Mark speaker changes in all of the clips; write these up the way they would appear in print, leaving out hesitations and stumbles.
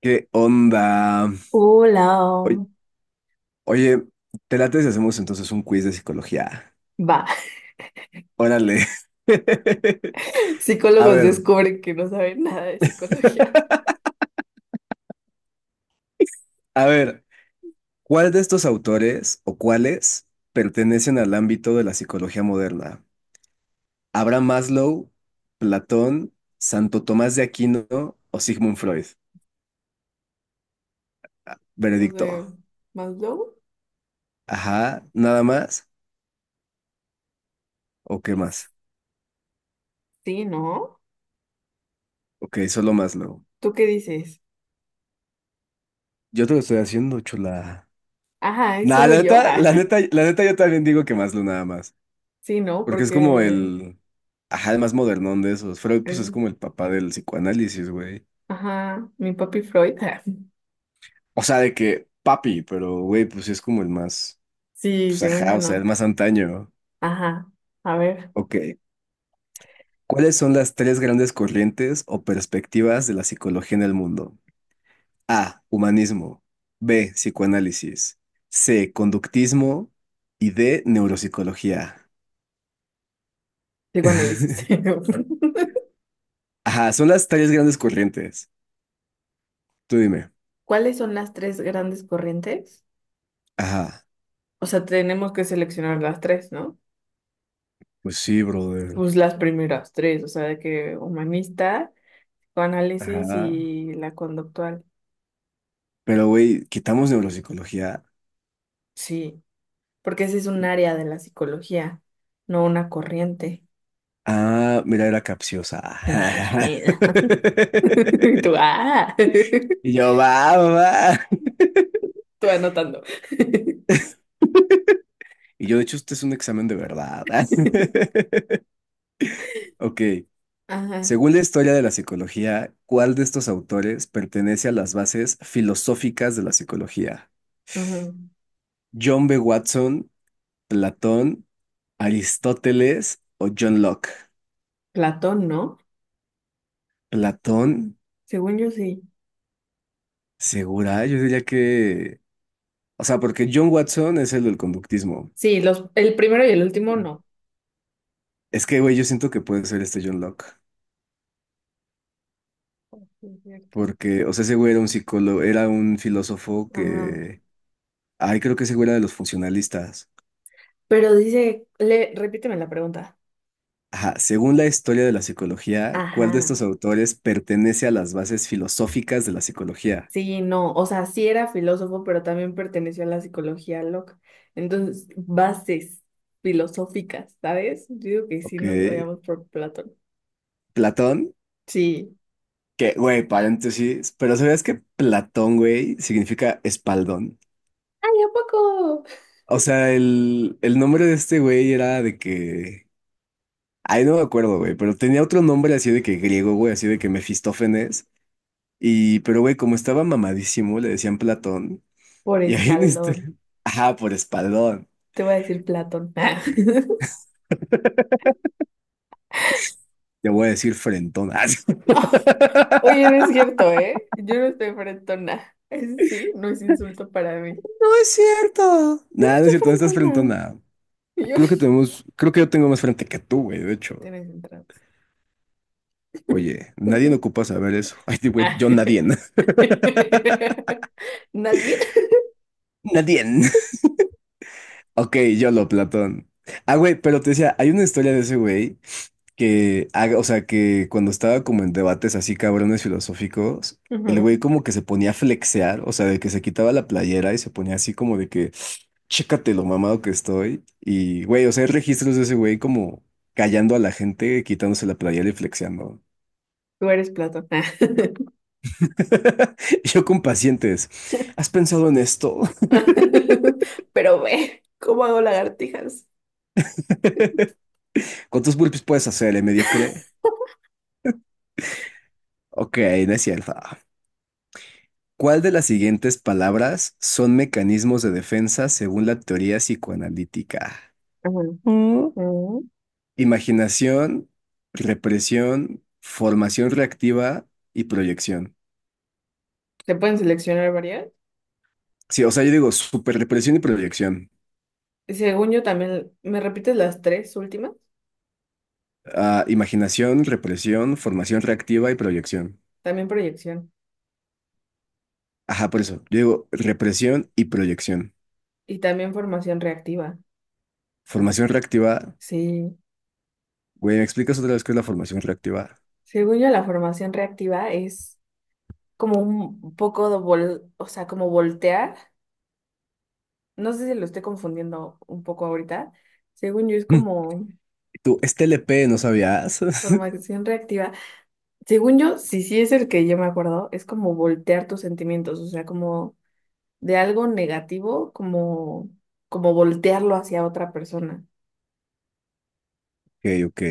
Speaker 1: ¿Qué onda?
Speaker 2: Hola,
Speaker 1: Oy- Oye, ¿te late si hacemos entonces un quiz de psicología?
Speaker 2: va.
Speaker 1: Órale. A
Speaker 2: Psicólogos
Speaker 1: ver,
Speaker 2: descubren que no saben nada de psicología.
Speaker 1: a ver, ¿cuál de estos autores o cuáles pertenecen al ámbito de la psicología moderna? ¿Abraham Maslow, Platón, Santo Tomás de Aquino o Sigmund Freud?
Speaker 2: No sé,
Speaker 1: Veredicto.
Speaker 2: ¿Maslow?
Speaker 1: Ajá, ¿nada más? ¿O qué más?
Speaker 2: Sí, ¿no?
Speaker 1: Ok, solo Maslow.
Speaker 2: ¿Tú qué dices?
Speaker 1: Yo te lo estoy haciendo, chula.
Speaker 2: Ajá, es
Speaker 1: Nah,
Speaker 2: solo
Speaker 1: la
Speaker 2: yo.
Speaker 1: neta,
Speaker 2: Ah.
Speaker 1: la neta, la neta, yo también digo que Maslow nada más.
Speaker 2: Sí, ¿no?
Speaker 1: Porque es como
Speaker 2: Porque
Speaker 1: el... Ajá, el más modernón de esos. Freud, pues es
Speaker 2: el-
Speaker 1: como el papá del psicoanálisis, güey.
Speaker 2: ajá, mi papi Freud. Ah,
Speaker 1: O sea, de que papi, pero güey, pues sí es como el más...
Speaker 2: sí,
Speaker 1: Pues
Speaker 2: según
Speaker 1: ajá,
Speaker 2: yo
Speaker 1: o sea, el
Speaker 2: no.
Speaker 1: más antaño.
Speaker 2: Ajá, a ver,
Speaker 1: Ok. ¿Cuáles son las tres grandes corrientes o perspectivas de la psicología en el mundo? A. Humanismo. B. Psicoanálisis. C. Conductismo. Y D. Neuropsicología.
Speaker 2: psicoanálisis.
Speaker 1: Ajá, son las tres grandes corrientes. Tú dime.
Speaker 2: ¿Cuáles son las tres grandes corrientes?
Speaker 1: Ajá.
Speaker 2: O sea, tenemos que seleccionar las tres, ¿no?
Speaker 1: Pues sí, brother.
Speaker 2: Pues las primeras tres, o sea, de que humanista. Psicoanálisis
Speaker 1: Ajá.
Speaker 2: y la conductual,
Speaker 1: Pero, güey, quitamos neuropsicología.
Speaker 2: sí, porque ese es un área de la psicología, no una corriente.
Speaker 1: Ah, mira, era capciosa.
Speaker 2: Y Tú, ah,
Speaker 1: Y yo, va, va. Va".
Speaker 2: tú anotando.
Speaker 1: Y yo, de hecho, este es un examen de verdad. Ok.
Speaker 2: Ajá,
Speaker 1: Según la historia de la psicología, ¿cuál de estos autores pertenece a las bases filosóficas de la psicología?
Speaker 2: ujú.
Speaker 1: ¿John B. Watson, Platón, Aristóteles o John Locke?
Speaker 2: Platón, ¿no?
Speaker 1: Platón,
Speaker 2: Según yo sí.
Speaker 1: segura, yo diría que... O sea, porque John Watson es el del conductismo.
Speaker 2: Sí, el primero y el último no.
Speaker 1: Es que, güey, yo siento que puede ser este John Locke.
Speaker 2: Es cierto.
Speaker 1: Porque, o sea, ese güey era un psicólogo, era un filósofo
Speaker 2: Ajá.
Speaker 1: que. Ay, creo que ese güey era de los funcionalistas.
Speaker 2: Pero dice, repíteme la pregunta.
Speaker 1: Ajá, según la historia de la psicología, ¿cuál de
Speaker 2: Ajá.
Speaker 1: estos autores pertenece a las bases filosóficas de la psicología?
Speaker 2: Sí, no, o sea, sí era filósofo, pero también perteneció a la psicología loca. Entonces, bases filosóficas, ¿sabes? Yo digo que sí
Speaker 1: Ok,
Speaker 2: nos vayamos por Platón.
Speaker 1: Platón,
Speaker 2: Sí.
Speaker 1: que, güey, paréntesis, pero ¿sabías que Platón, güey, significa espaldón?
Speaker 2: Ay, ¿a poco?
Speaker 1: O sea, el nombre de este güey era de que. Ay, no me acuerdo, güey, pero tenía otro nombre así de que griego, güey, así de que Mefistófenes. Y, pero güey, como estaba mamadísimo, le decían Platón.
Speaker 2: Por
Speaker 1: Y ahí en este...
Speaker 2: espaldón.
Speaker 1: Ajá, por espaldón.
Speaker 2: Te voy a decir Platón.
Speaker 1: Te voy a decir frentón. Ah, sí.
Speaker 2: No, oye, no es cierto, ¿eh? Yo no estoy frentona. Ese sí, no es insulto para mí.
Speaker 1: No es cierto.
Speaker 2: Yo no
Speaker 1: Nada, no es
Speaker 2: estoy
Speaker 1: cierto, no estás
Speaker 2: frentona.
Speaker 1: frentona.
Speaker 2: Y yo,
Speaker 1: Creo que yo tengo más frente que tú, güey, de
Speaker 2: tú
Speaker 1: hecho.
Speaker 2: tienes entradas.
Speaker 1: Oye, nadie no ocupa saber eso. Ay, güey,
Speaker 2: Ah.
Speaker 1: yo nadie.
Speaker 2: Nadie.
Speaker 1: Nadie. Ok, yo lo, Platón. Ah, güey, pero te decía, hay una historia de ese güey que haga, o sea, que cuando estaba como en debates así cabrones filosóficos, el
Speaker 2: Ujú.
Speaker 1: güey como que se ponía a flexear, o sea, de que se quitaba la playera y se ponía así como de que, chécate lo mamado que estoy. Y, güey, o sea, hay registros de ese güey como callando a la gente, quitándose la playera y flexeando.
Speaker 2: Tú eres Platón. Ah.
Speaker 1: Yo con pacientes, ¿has pensado en esto?
Speaker 2: Pero ve, ¿cómo hago lagartijas?
Speaker 1: ¿Cuántos burpees puedes hacer, mediocre? Ok, no es cierto. ¿Cuál de las siguientes palabras son mecanismos de defensa según la teoría psicoanalítica?
Speaker 2: Bueno.
Speaker 1: Mm,
Speaker 2: Ujú.
Speaker 1: Imaginación, represión, formación reactiva y proyección.
Speaker 2: ¿Se pueden seleccionar varias?
Speaker 1: Sí, o sea, yo digo superrepresión y proyección.
Speaker 2: Y según yo también, ¿me repites las tres últimas?
Speaker 1: Ah, imaginación, represión, formación reactiva y proyección.
Speaker 2: También proyección
Speaker 1: Ajá, por eso. Yo digo represión y proyección.
Speaker 2: y también formación reactiva.
Speaker 1: Formación reactiva.
Speaker 2: Sí,
Speaker 1: Güey, ¿me explicas otra vez qué es la formación reactiva?
Speaker 2: según yo la formación reactiva es como un poco o sea, como voltear. No sé.
Speaker 1: Mm. Tú, es TLP, ¿no sabías?
Speaker 2: Según yo, sí es el que yo me acuerdo, es como voltear tus sentimientos, o sea, como de algo negativo, como voltearlo hacia otra persona.
Speaker 1: Ok, ok,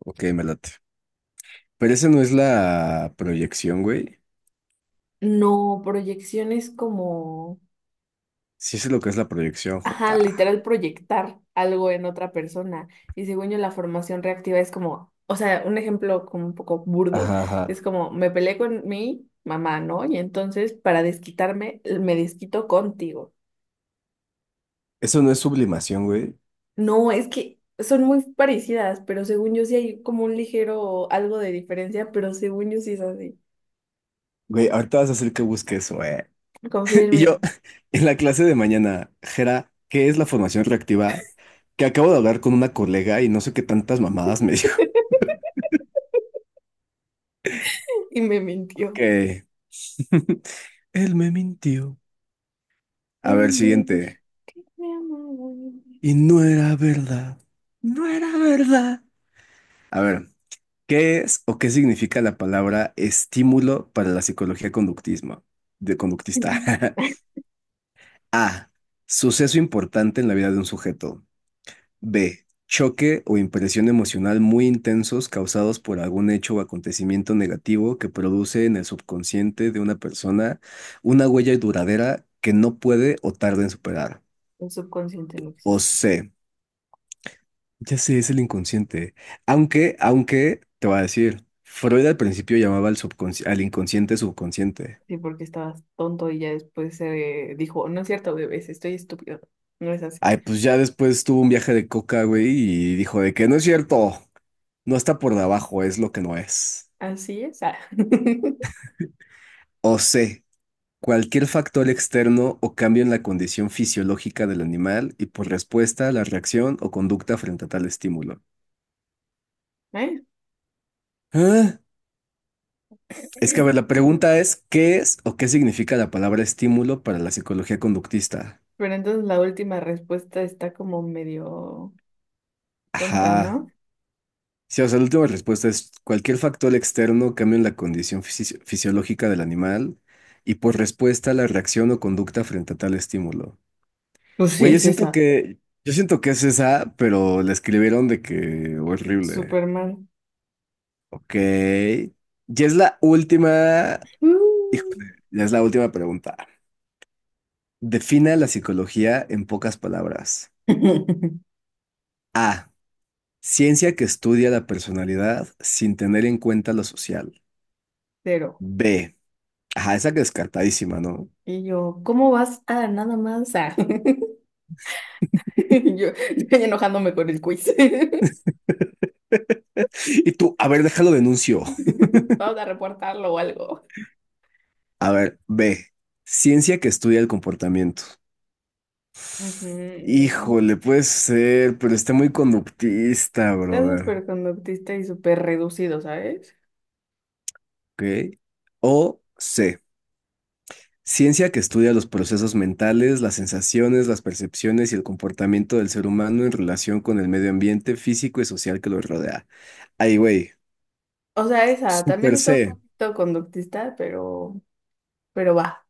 Speaker 1: ok, me late. Pero esa no es la proyección, güey.
Speaker 2: No, proyección es como,
Speaker 1: Sí, eso es lo que es la proyección,
Speaker 2: ajá,
Speaker 1: Jota.
Speaker 2: literal proyectar algo en otra persona. Y según yo, la formación reactiva es como, o sea, un ejemplo como un poco burdo,
Speaker 1: Ajá,
Speaker 2: es
Speaker 1: ajá.
Speaker 2: como, me peleé con mi mamá, ¿no? Y entonces, para desquitarme, me desquito contigo.
Speaker 1: Eso no es sublimación, güey.
Speaker 2: No, es que son muy parecidas, pero según yo sí hay como un ligero algo de diferencia, pero según yo sí es así.
Speaker 1: Güey, ahorita vas a hacer que busque eso, eh.
Speaker 2: Confía en
Speaker 1: Y
Speaker 2: mí.
Speaker 1: yo, en la clase de mañana, Jera, ¿qué es la formación reactiva? Que acabo de hablar con una colega y no sé qué tantas mamadas me dijo
Speaker 2: Y me mintió.
Speaker 1: que él me mintió. A
Speaker 2: Él
Speaker 1: ver,
Speaker 2: me dijo,
Speaker 1: siguiente.
Speaker 2: me amaba.
Speaker 1: Y no era verdad. No era verdad. A ver. ¿Qué es o qué significa la palabra estímulo para la psicología conductismo, de
Speaker 2: El
Speaker 1: conductista? A. Suceso importante en la vida de un sujeto. B. Choque o impresión emocional muy intensos causados por algún hecho o acontecimiento negativo que produce en el subconsciente de una persona una huella duradera que no puede o tarda en superar.
Speaker 2: subconsciente no
Speaker 1: O
Speaker 2: existe.
Speaker 1: C. Ya sé, es el inconsciente. Aunque, aunque, te voy a decir, Freud al principio llamaba al al inconsciente subconsciente.
Speaker 2: Sí, porque estabas tonto y ya después se dijo, no es cierto, bebés, estoy estúpido. No es así.
Speaker 1: Ay, pues ya después tuvo un viaje de coca, güey, y dijo de que no es cierto, no está por debajo, es lo que no es.
Speaker 2: Así es. Ah.
Speaker 1: O C, cualquier factor externo o cambio en la condición fisiológica del animal y por respuesta a la reacción o conducta frente a tal estímulo.
Speaker 2: ¿Eh?
Speaker 1: ¿Ah? Es que, a ver, la pregunta es, ¿qué es o qué significa la palabra estímulo para la psicología conductista?
Speaker 2: Pero entonces la última respuesta está como medio tonta,
Speaker 1: Ajá.
Speaker 2: ¿no?
Speaker 1: Sí, o sea, la última respuesta es cualquier factor externo cambia en la condición fisiológica del animal y por respuesta la reacción o conducta frente a tal estímulo.
Speaker 2: Pues sí,
Speaker 1: Güey,
Speaker 2: es esa.
Speaker 1: yo siento que es esa, pero la escribieron de que horrible.
Speaker 2: Súper mal.
Speaker 1: Ok. Ya es la última,
Speaker 2: Uh.
Speaker 1: híjole, ya es la última pregunta. Defina la psicología en pocas palabras. A. Ciencia que estudia la personalidad sin tener en cuenta lo social.
Speaker 2: Cero.
Speaker 1: B. Ajá, esa que descartadísima, ¿no?
Speaker 2: Y yo, ¿cómo vas? Ah, nada más. Ah". Y yo enojándome con el quiz.
Speaker 1: Y tú, a ver, déjalo denuncio.
Speaker 2: Vamos a reportarlo o algo.
Speaker 1: A ver, B. Ciencia que estudia el comportamiento.
Speaker 2: Ujú.
Speaker 1: Híjole, puede ser, pero está muy conductista,
Speaker 2: Está
Speaker 1: brother.
Speaker 2: súper conductista y súper reducido, ¿sabes?
Speaker 1: ¿Ok? O C. Ciencia que estudia los procesos mentales, las sensaciones, las percepciones y el comportamiento del ser humano en relación con el medio ambiente físico y social que lo rodea. Ay, güey,
Speaker 2: O sea, esa también
Speaker 1: super
Speaker 2: está un
Speaker 1: C.
Speaker 2: poquito conductista, pero va.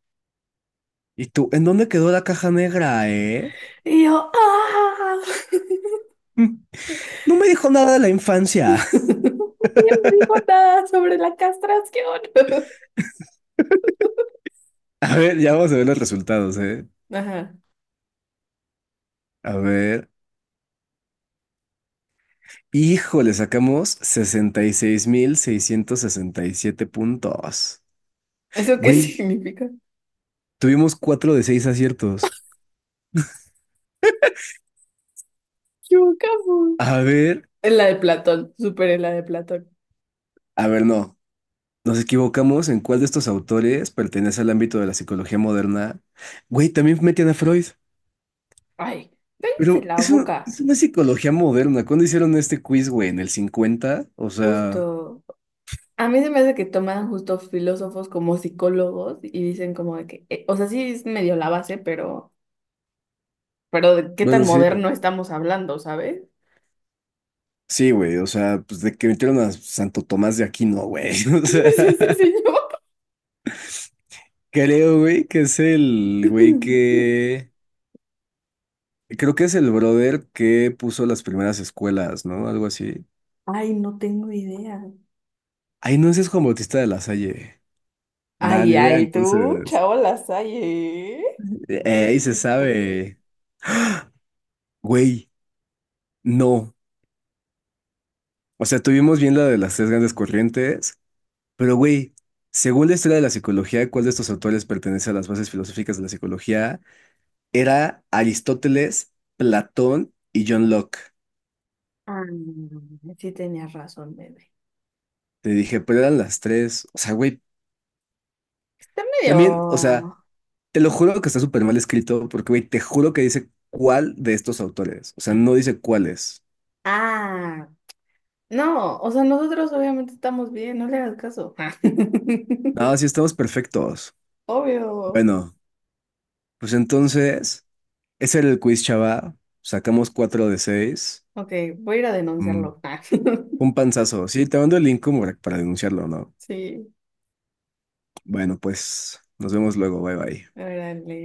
Speaker 1: ¿Y tú, en dónde quedó la caja negra, eh?
Speaker 2: Y yo, ¡ah!
Speaker 1: Mm, No me dijo nada de la infancia.
Speaker 2: Nadie me dijo nada sobre la castración.
Speaker 1: A ver, ya vamos a ver los resultados, ¿eh?
Speaker 2: Ajá.
Speaker 1: A ver. Híjole, sacamos sesenta y seis mil seiscientos sesenta y siete puntos.
Speaker 2: ¿Eso qué
Speaker 1: Güey,
Speaker 2: significa?
Speaker 1: tuvimos cuatro de seis aciertos.
Speaker 2: Chocamos.
Speaker 1: A ver,
Speaker 2: En la de Platón, súper en la de Platón.
Speaker 1: a ver, no. Nos equivocamos en cuál de estos autores pertenece al ámbito de la psicología moderna. Güey, también metían a Freud.
Speaker 2: Ay, cállense
Speaker 1: Pero
Speaker 2: la
Speaker 1: es,
Speaker 2: boca,
Speaker 1: es una psicología moderna. ¿Cuándo hicieron este quiz, güey? ¿En el cincuenta? O sea,
Speaker 2: justo. A mí se me hace que toman justo filósofos como psicólogos y dicen como de que, o sea, sí es medio la base, pero de qué tan
Speaker 1: bueno, sí,
Speaker 2: moderno estamos hablando, ¿sabes?
Speaker 1: sí, güey. O sea, pues de que metieron a Santo Tomás de Aquino, güey. O
Speaker 2: ¿Quién es ese
Speaker 1: sea.
Speaker 2: señor?
Speaker 1: Creo, güey, que es el güey que... Creo que es el brother que puso las primeras escuelas, ¿no? Algo así.
Speaker 2: Ay, no tengo idea.
Speaker 1: Ay, no, ese es Juan Bautista de la Salle. Nada, ni
Speaker 2: Ay,
Speaker 1: idea,
Speaker 2: ay, tú,
Speaker 1: entonces...
Speaker 2: chao, las hay, ¿eh? ¿Tú
Speaker 1: ahí se
Speaker 2: dijiste?
Speaker 1: sabe. Güey, no. O sea, tuvimos bien la de las tres grandes corrientes, pero güey, según la historia de la psicología, ¿cuál de estos autores pertenece a las bases filosóficas de la psicología? Era Aristóteles, Platón y John Locke.
Speaker 2: Ah, sí tenías razón, bebé.
Speaker 1: Te dije, pero eran las tres. O sea, güey,
Speaker 2: Está medio...
Speaker 1: también, o sea... Te lo juro que está súper mal escrito, porque, güey, te juro que dice cuál de estos autores. O sea, no dice cuáles.
Speaker 2: Ah. No, o sea, nosotros obviamente estamos bien, no le hagas caso.
Speaker 1: No, sí estamos perfectos.
Speaker 2: Obvio.
Speaker 1: Bueno, pues entonces, ese era el quiz, chava. Sacamos cuatro de seis.
Speaker 2: Ok, voy a ir a
Speaker 1: Mm,
Speaker 2: denunciarlo.
Speaker 1: un panzazo. Sí, te mando el link como para denunciarlo, ¿no?
Speaker 2: Sí,
Speaker 1: Bueno, pues nos vemos luego. Bye bye.
Speaker 2: órale.